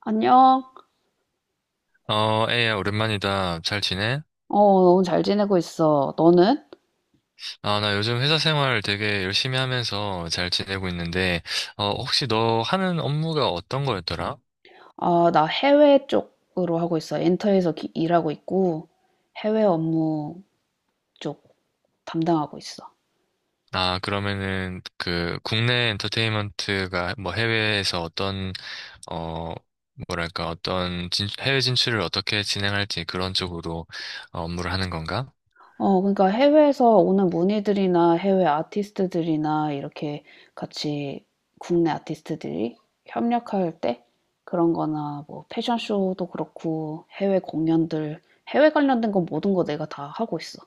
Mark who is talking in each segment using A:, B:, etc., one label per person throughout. A: 안녕.
B: 에이야, 오랜만이다. 잘 지내?
A: 너무 잘 지내고 있어. 너는?
B: 아, 나 요즘 회사 생활 되게 열심히 하면서 잘 지내고 있는데, 혹시 너 하는 업무가 어떤 거였더라?
A: 아, 나 해외 쪽으로 하고 있어. 엔터에서 일하고 있고, 해외 업무 쪽 담당하고 있어.
B: 아, 그러면은, 그, 국내 엔터테인먼트가 뭐 해외에서 어떤, 어, 뭐랄까, 어떤 해외 진출을 어떻게 진행할지 그런 쪽으로 업무를 하는 건가?
A: 그러니까 해외에서 오는 문의들이나 해외 아티스트들이나 이렇게 같이 국내 아티스트들이 협력할 때 그런 거나 뭐 패션쇼도 그렇고 해외 공연들, 해외 관련된 건 모든 거 내가 다 하고 있어.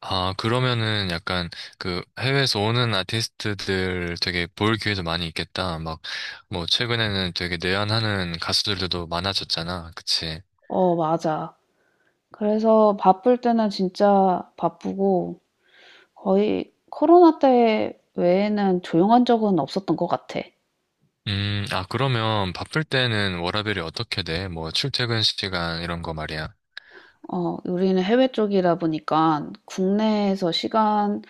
B: 아, 그러면은 약간 그 해외에서 오는 아티스트들 되게 볼 기회도 많이 있겠다. 막, 뭐, 최근에는 되게 내한하는 가수들도 많아졌잖아. 그치?
A: 어, 맞아. 그래서 바쁠 때는 진짜 바쁘고 거의 코로나 때 외에는 조용한 적은 없었던 것 같아.
B: 아, 그러면 바쁠 때는 워라밸이 어떻게 돼? 뭐, 출퇴근 시간 이런 거 말이야.
A: 우리는 해외 쪽이다 보니까 국내에서 시간,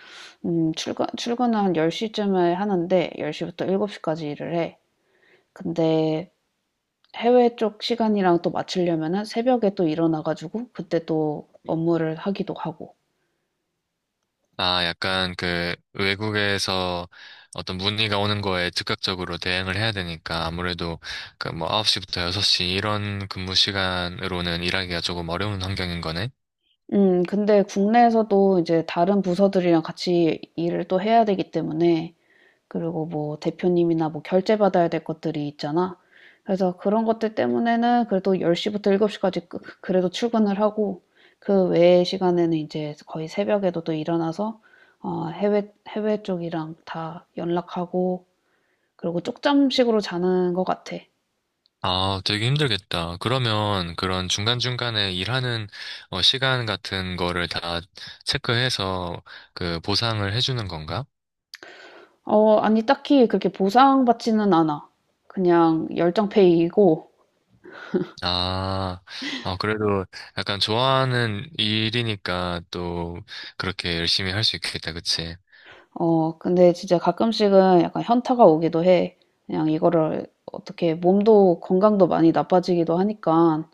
A: 출근을 한 10시쯤에 하는데 10시부터 7시까지 일을 해. 근데 해외 쪽 시간이랑 또 맞추려면은 새벽에 또 일어나가지고 그때 또 업무를 하기도 하고.
B: 아, 약간 그 외국에서 어떤 문의가 오는 거에 즉각적으로 대응을 해야 되니까 아무래도 그 뭐 9시부터 6시 이런 근무 시간으로는 일하기가 조금 어려운 환경인 거네.
A: 근데 국내에서도 이제 다른 부서들이랑 같이 일을 또 해야 되기 때문에, 그리고 뭐 대표님이나 뭐 결제 받아야 될 것들이 있잖아. 그래서 그런 것들 때문에는 그래도 10시부터 7시까지 그래도 출근을 하고 그 외의 시간에는 이제 거의 새벽에도 또 일어나서 어 해외 쪽이랑 다 연락하고, 그리고 쪽잠식으로 자는 것 같아.
B: 아, 되게 힘들겠다. 그러면 그런 중간중간에 일하는 시간 같은 거를 다 체크해서 그 보상을 해주는 건가?
A: 어 아니 딱히 그렇게 보상받지는 않아. 그냥 열정 페이이고.
B: 아, 그래도 약간 좋아하는 일이니까 또 그렇게 열심히 할 수 있겠다, 그치?
A: 어 근데 진짜 가끔씩은 약간 현타가 오기도 해. 그냥 이거를 어떻게 몸도 건강도 많이 나빠지기도 하니까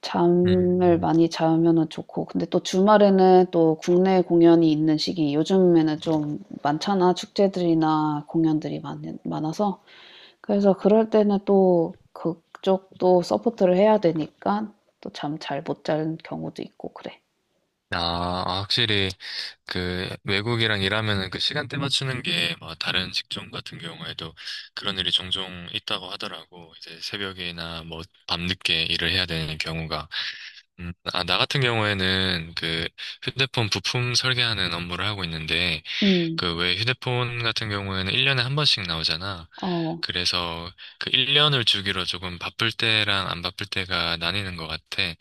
A: 잠을
B: 음.
A: 많이 자면은 좋고, 근데 또 주말에는 또 국내 공연이 있는 시기 요즘에는 좀 많잖아. 축제들이나 공연들이 많아서 그래서 그럴 때는 또 그쪽도 서포트를 해야 되니까 또 잠 잘 못 자는 경우도 있고 그래.
B: 아, 아, 확실히 그 외국이랑 일하면은 그 시간대 맞추는 게 뭐 다른 직종 같은 경우에도 그런 일이 종종 있다고 하더라고. 이제 새벽이나 뭐 밤늦게 일을 해야 되는 경우가. 아, 나 같은 경우에는 그 휴대폰 부품 설계하는 업무를 하고 있는데
A: 음.
B: 그 왜 휴대폰 같은 경우에는 1년에 한 번씩 나오잖아.
A: 어.
B: 그래서 그 1년을 주기로 조금 바쁠 때랑 안 바쁠 때가 나뉘는 것 같아.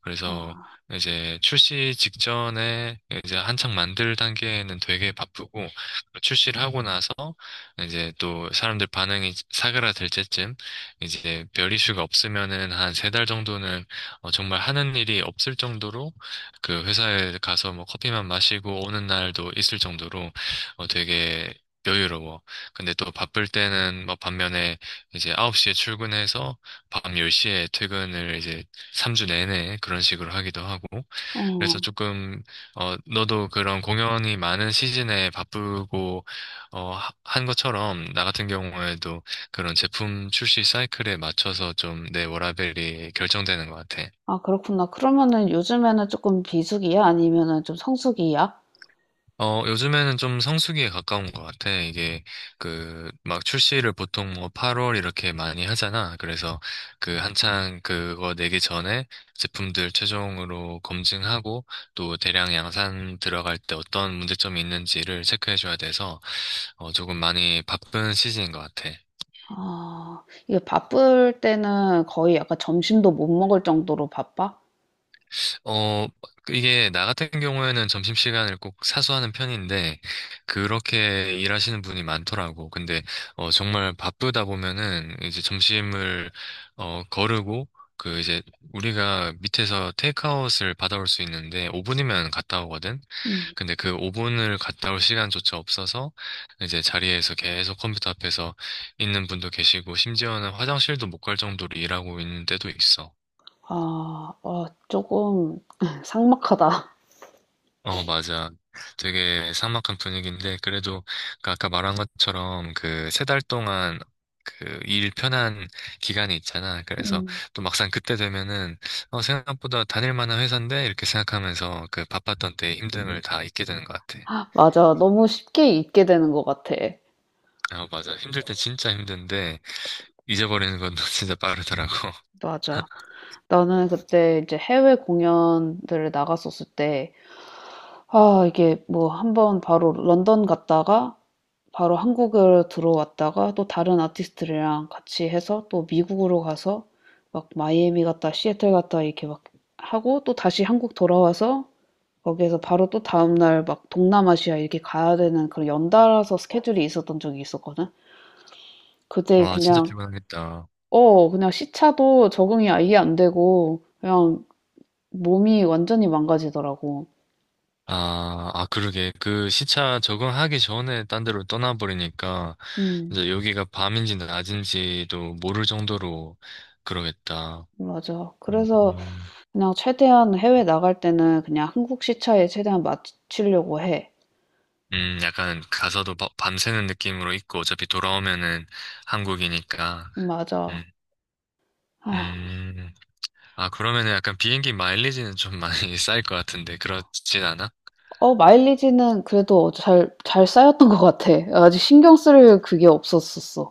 B: 그래서
A: 아.
B: 이제 출시 직전에 이제 한창 만들 단계에는 되게 바쁘고 출시를 하고 나서 이제 또 사람들 반응이 사그라들 때쯤 이제 별 이슈가 없으면은 한 3달 정도는 정말 하는 일이 없을 정도로 그 회사에 가서 뭐 커피만 마시고 오는 날도 있을 정도로 되게 여유로워. 근데 또 바쁠 때는 뭐 반면에 이제 9시에 출근해서 밤 10시에 퇴근을 이제 3주 내내 그런 식으로 하기도 하고, 그래서
A: 어.
B: 조금, 너도 그런 공연이 많은 시즌에 바쁘고, 한 것처럼, 나 같은 경우에도 그런 제품 출시 사이클에 맞춰서 좀 내 워라밸이 결정되는 것 같아.
A: 아 그렇구나. 그러면은 요즘에는 조금 비수기야? 아니면은 좀 성수기야?
B: 요즘에는 좀 성수기에 가까운 것 같아. 이게, 그, 막 출시를 보통 뭐 8월 이렇게 많이 하잖아. 그래서 그 한창 그거 내기 전에 제품들 최종으로 검증하고 또 대량 양산 들어갈 때 어떤 문제점이 있는지를 체크해줘야 돼서 조금 많이 바쁜 시즌인 것 같아.
A: 아 이게 바쁠 때는 거의 약간 점심도 못 먹을 정도로 바빠?
B: 어, 이게 나 같은 경우에는 점심시간을 꼭 사수하는 편인데, 그렇게 일하시는 분이 많더라고. 근데, 정말 바쁘다 보면은, 이제 점심을, 거르고, 그 이제 우리가 밑에서 테이크아웃을 받아올 수 있는데 5분이면 갔다 오거든.
A: 음.
B: 근데 그 5분을 갔다 올 시간조차 없어서 이제 자리에서 계속 컴퓨터 앞에서 있는 분도 계시고 심지어는 화장실도 못 갈 정도로 일하고 있는 때도 있어.
A: 아. 아 조금 삭막하다.
B: 어, 맞아. 되게 삭막한 분위기인데, 그래도 그 아까 말한 것처럼 그 세 달 동안 그 일 편한 기간이 있잖아. 그래서
A: 음.
B: 또 막상 그때 되면은, 생각보다 다닐 만한 회사인데? 이렇게 생각하면서 그 바빴던 때의 힘듦을 다 잊게 되는 것 같아.
A: 맞아. 너무 쉽게 잊게 되는 것 같아.
B: 어, 맞아. 힘들 때 진짜 힘든데, 잊어버리는 건 진짜 빠르더라고.
A: 맞아. 나는 그때 이제 해외 공연들을 나갔었을 때 아 이게 뭐 한번 바로 런던 갔다가 바로 한국으로 들어왔다가 또 다른 아티스트들이랑 같이 해서 또 미국으로 가서 막 마이애미 갔다 시애틀 갔다 이렇게 막 하고 또 다시 한국 돌아와서 거기에서 바로 또 다음날 막 동남아시아 이렇게 가야 되는 그런 연달아서 스케줄이 있었던 적이 있었거든. 그때
B: 와, 진짜
A: 그냥,
B: 피곤하겠다.
A: 어, 그냥 시차도 적응이 아예 안 되고 그냥 몸이 완전히 망가지더라고.
B: 아, 아, 그러게. 그 시차 적응하기 전에 딴 데로 떠나버리니까,
A: 음,
B: 이제 여기가 밤인지 낮인지도 모를 정도로 그러겠다.
A: 맞아. 그래서
B: 음,
A: 그냥 최대한 해외 나갈 때는 그냥 한국 시차에 최대한 맞추려고 해.
B: 약간 가서도 밤새는 느낌으로 있고, 어차피 돌아오면은 한국이니까.
A: 맞아.
B: 음,
A: 아
B: 음. 아, 그러면은 약간 비행기 마일리지는 좀 많이 쌓일 것 같은데, 그렇진 않아?
A: 어 마일리지는 그래도 잘 쌓였던 것 같아. 아직 신경 쓸 그게 없었었어.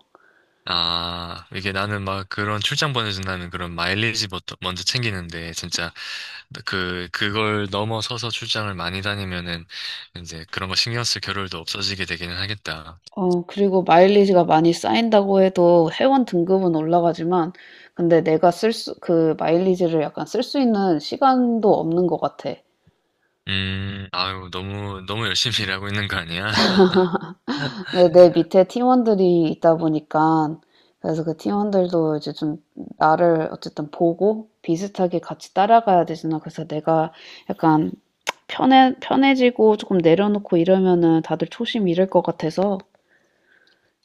B: 아, 이게 나는 막 그런 출장 보내준다는 그런 마일리지 먼저 먼저 챙기는데, 진짜, 그, 그걸 넘어서서 출장을 많이 다니면은, 이제 그런 거 신경 쓸 겨를도 없어지게 되기는 하겠다.
A: 어 그리고 마일리지가 많이 쌓인다고 해도 회원 등급은 올라가지만 근데 내가 쓸 수 그 마일리지를 약간 쓸 수 있는 시간도 없는 것 같아.
B: 아유, 너무, 너무 열심히 일하고 있는 거 아니야?
A: 근데 내 밑에 팀원들이 있다 보니까 그래서 그 팀원들도 이제 좀 나를 어쨌든 보고 비슷하게 같이 따라가야 되잖아. 그래서 내가 약간 편해지고 조금 내려놓고 이러면은 다들 초심 잃을 것 같아서.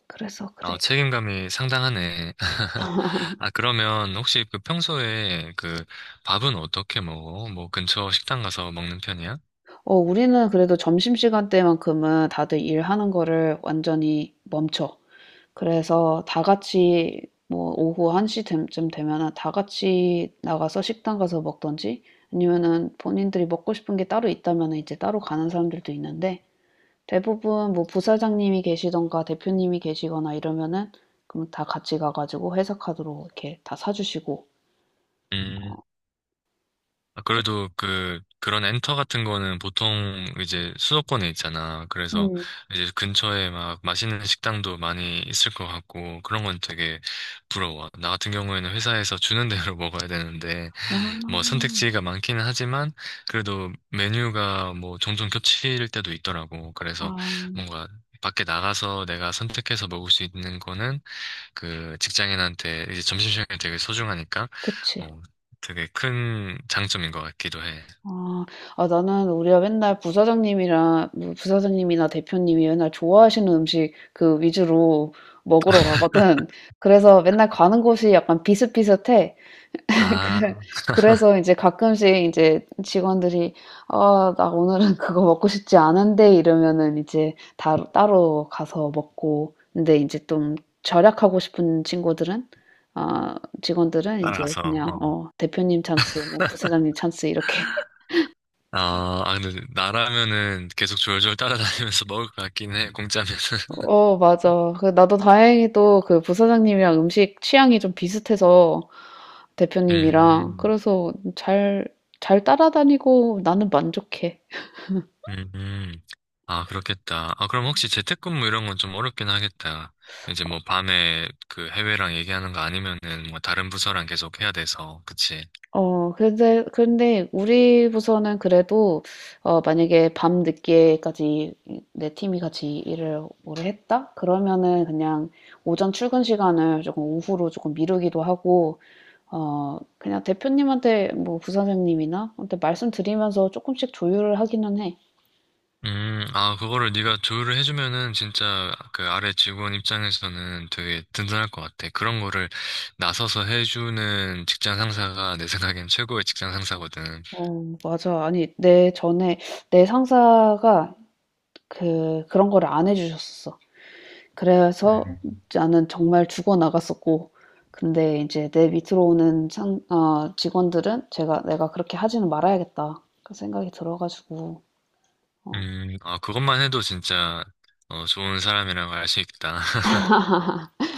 A: 그래서 그래.
B: 아, 책임감이 상당하네. 아, 그러면 혹시 그 평소에 그 밥은 어떻게 먹어? 뭐 근처 식당 가서 먹는 편이야?
A: 어, 우리는 그래도 점심시간 때만큼은 다들 일하는 거를 완전히 멈춰. 그래서 다 같이 뭐 오후 1시쯤 되면은 다 같이 나가서 식당 가서 먹던지 아니면은 본인들이 먹고 싶은 게 따로 있다면 은 이제 따로 가는 사람들도 있는데 대부분 뭐 부사장님이 계시던가 대표님이 계시거나 이러면은 그럼 다 같이 가가지고 회사 카드로 이렇게 다 사주시고.
B: 음, 아, 그래도 그 그런 엔터 같은 거는 보통 이제 수도권에 있잖아. 그래서
A: 음.
B: 이제 근처에 막 맛있는 식당도 많이 있을 것 같고 그런 건 되게 부러워. 나 같은 경우에는 회사에서 주는 대로 먹어야 되는데 뭐
A: 아.
B: 선택지가 많기는 하지만 그래도 메뉴가 뭐 종종 겹칠 때도 있더라고. 그래서
A: 아.
B: 뭔가 밖에 나가서 내가 선택해서 먹을 수 있는 거는 그 직장인한테 이제 점심시간이 되게 소중하니까
A: 그치.
B: 어, 되게 큰 장점인 것 같기도 해.
A: 아. 아 나는 우리가 맨날 부사장님이랑 뭐 부사장님이나 대표님이 맨날 좋아하시는 음식 그 위주로 먹으러 가거든. 그래서 맨날 가는 곳이 약간 비슷비슷해. 그래-
B: 아,
A: 그래서 이제 가끔씩 이제 직원들이 아, 나 오늘은 그거 먹고 싶지 않은데 이러면은 이제 따로 가서 먹고, 근데 이제 좀 절약하고 싶은 친구들은 아, 직원들은 이제
B: 따라가서.
A: 그냥
B: 어.
A: 어, 대표님 찬스, 뭐 부사장님 찬스 이렇게
B: 아, 아, 근데 나라면은 계속 졸졸 따라다니면서 먹을 것 같긴 해, 공짜면은.
A: 어, 맞아. 그 나도 다행히도 그 부사장님이랑 음식 취향이 좀 비슷해서 대표님이랑
B: 음,
A: 그래서 잘, 잘 따라다니고 나는 만족해.
B: 음, 음. 아, 그렇겠다. 아, 그럼 혹시 재택근무 이런 건 좀 어렵긴 하겠다. 이제 뭐 밤에 그 해외랑 얘기하는 거 아니면은 뭐 다른 부서랑 계속 해야 돼서, 그치?
A: 근데 우리 부서는 그래도, 어, 만약에 밤 늦게까지 내 팀이 같이 일을 오래 했다? 그러면은 그냥 오전 출근 시간을 조금 오후로 조금 미루기도 하고, 어, 그냥 대표님한테 뭐 부사장님이나 한테 말씀드리면서 조금씩 조율을 하기는 해.
B: 아, 그거를 네가 조율을 해주면은 진짜 그 아래 직원 입장에서는 되게 든든할 것 같아. 그런 거를 나서서 해주는 직장 상사가 내 생각엔 최고의 직장 상사거든.
A: 어, 맞아. 아니, 내 전에, 내 상사가 그런 거를 안 해주셨었어. 그래서
B: 음,
A: 나는 정말 죽어 나갔었고 근데 이제 내 밑으로 오는 직원들은 제가 '내가 그렇게 하지는 말아야겠다.' 그 생각이 들어 가지고 어
B: 아, 그것만 해도 진짜 좋은 사람이라고 알 수 있다.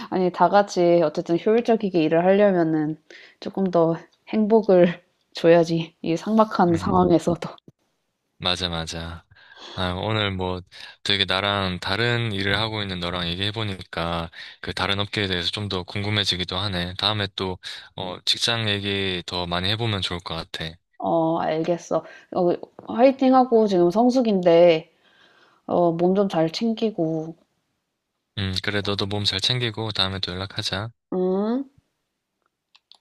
A: 아니 다 같이 어쨌든 효율적이게 일을 하려면은 조금 더 행복을 줘야지 이 삭막한
B: 음.
A: 상황에서도.
B: 맞아, 맞아. 아, 오늘 뭐 되게 나랑 다른 일을 하고 있는 너랑 얘기해보니까 그 다른 업계에 대해서 좀 더 궁금해지기도 하네. 다음에 또, 직장 얘기 더 많이 해보면 좋을 것 같아.
A: 어 알겠어. 어 화이팅하고 지금 성수기인데 어 몸 좀 잘 챙기고.
B: 그래, 너도 몸 잘 챙기고 다음에 또 연락하자.
A: 응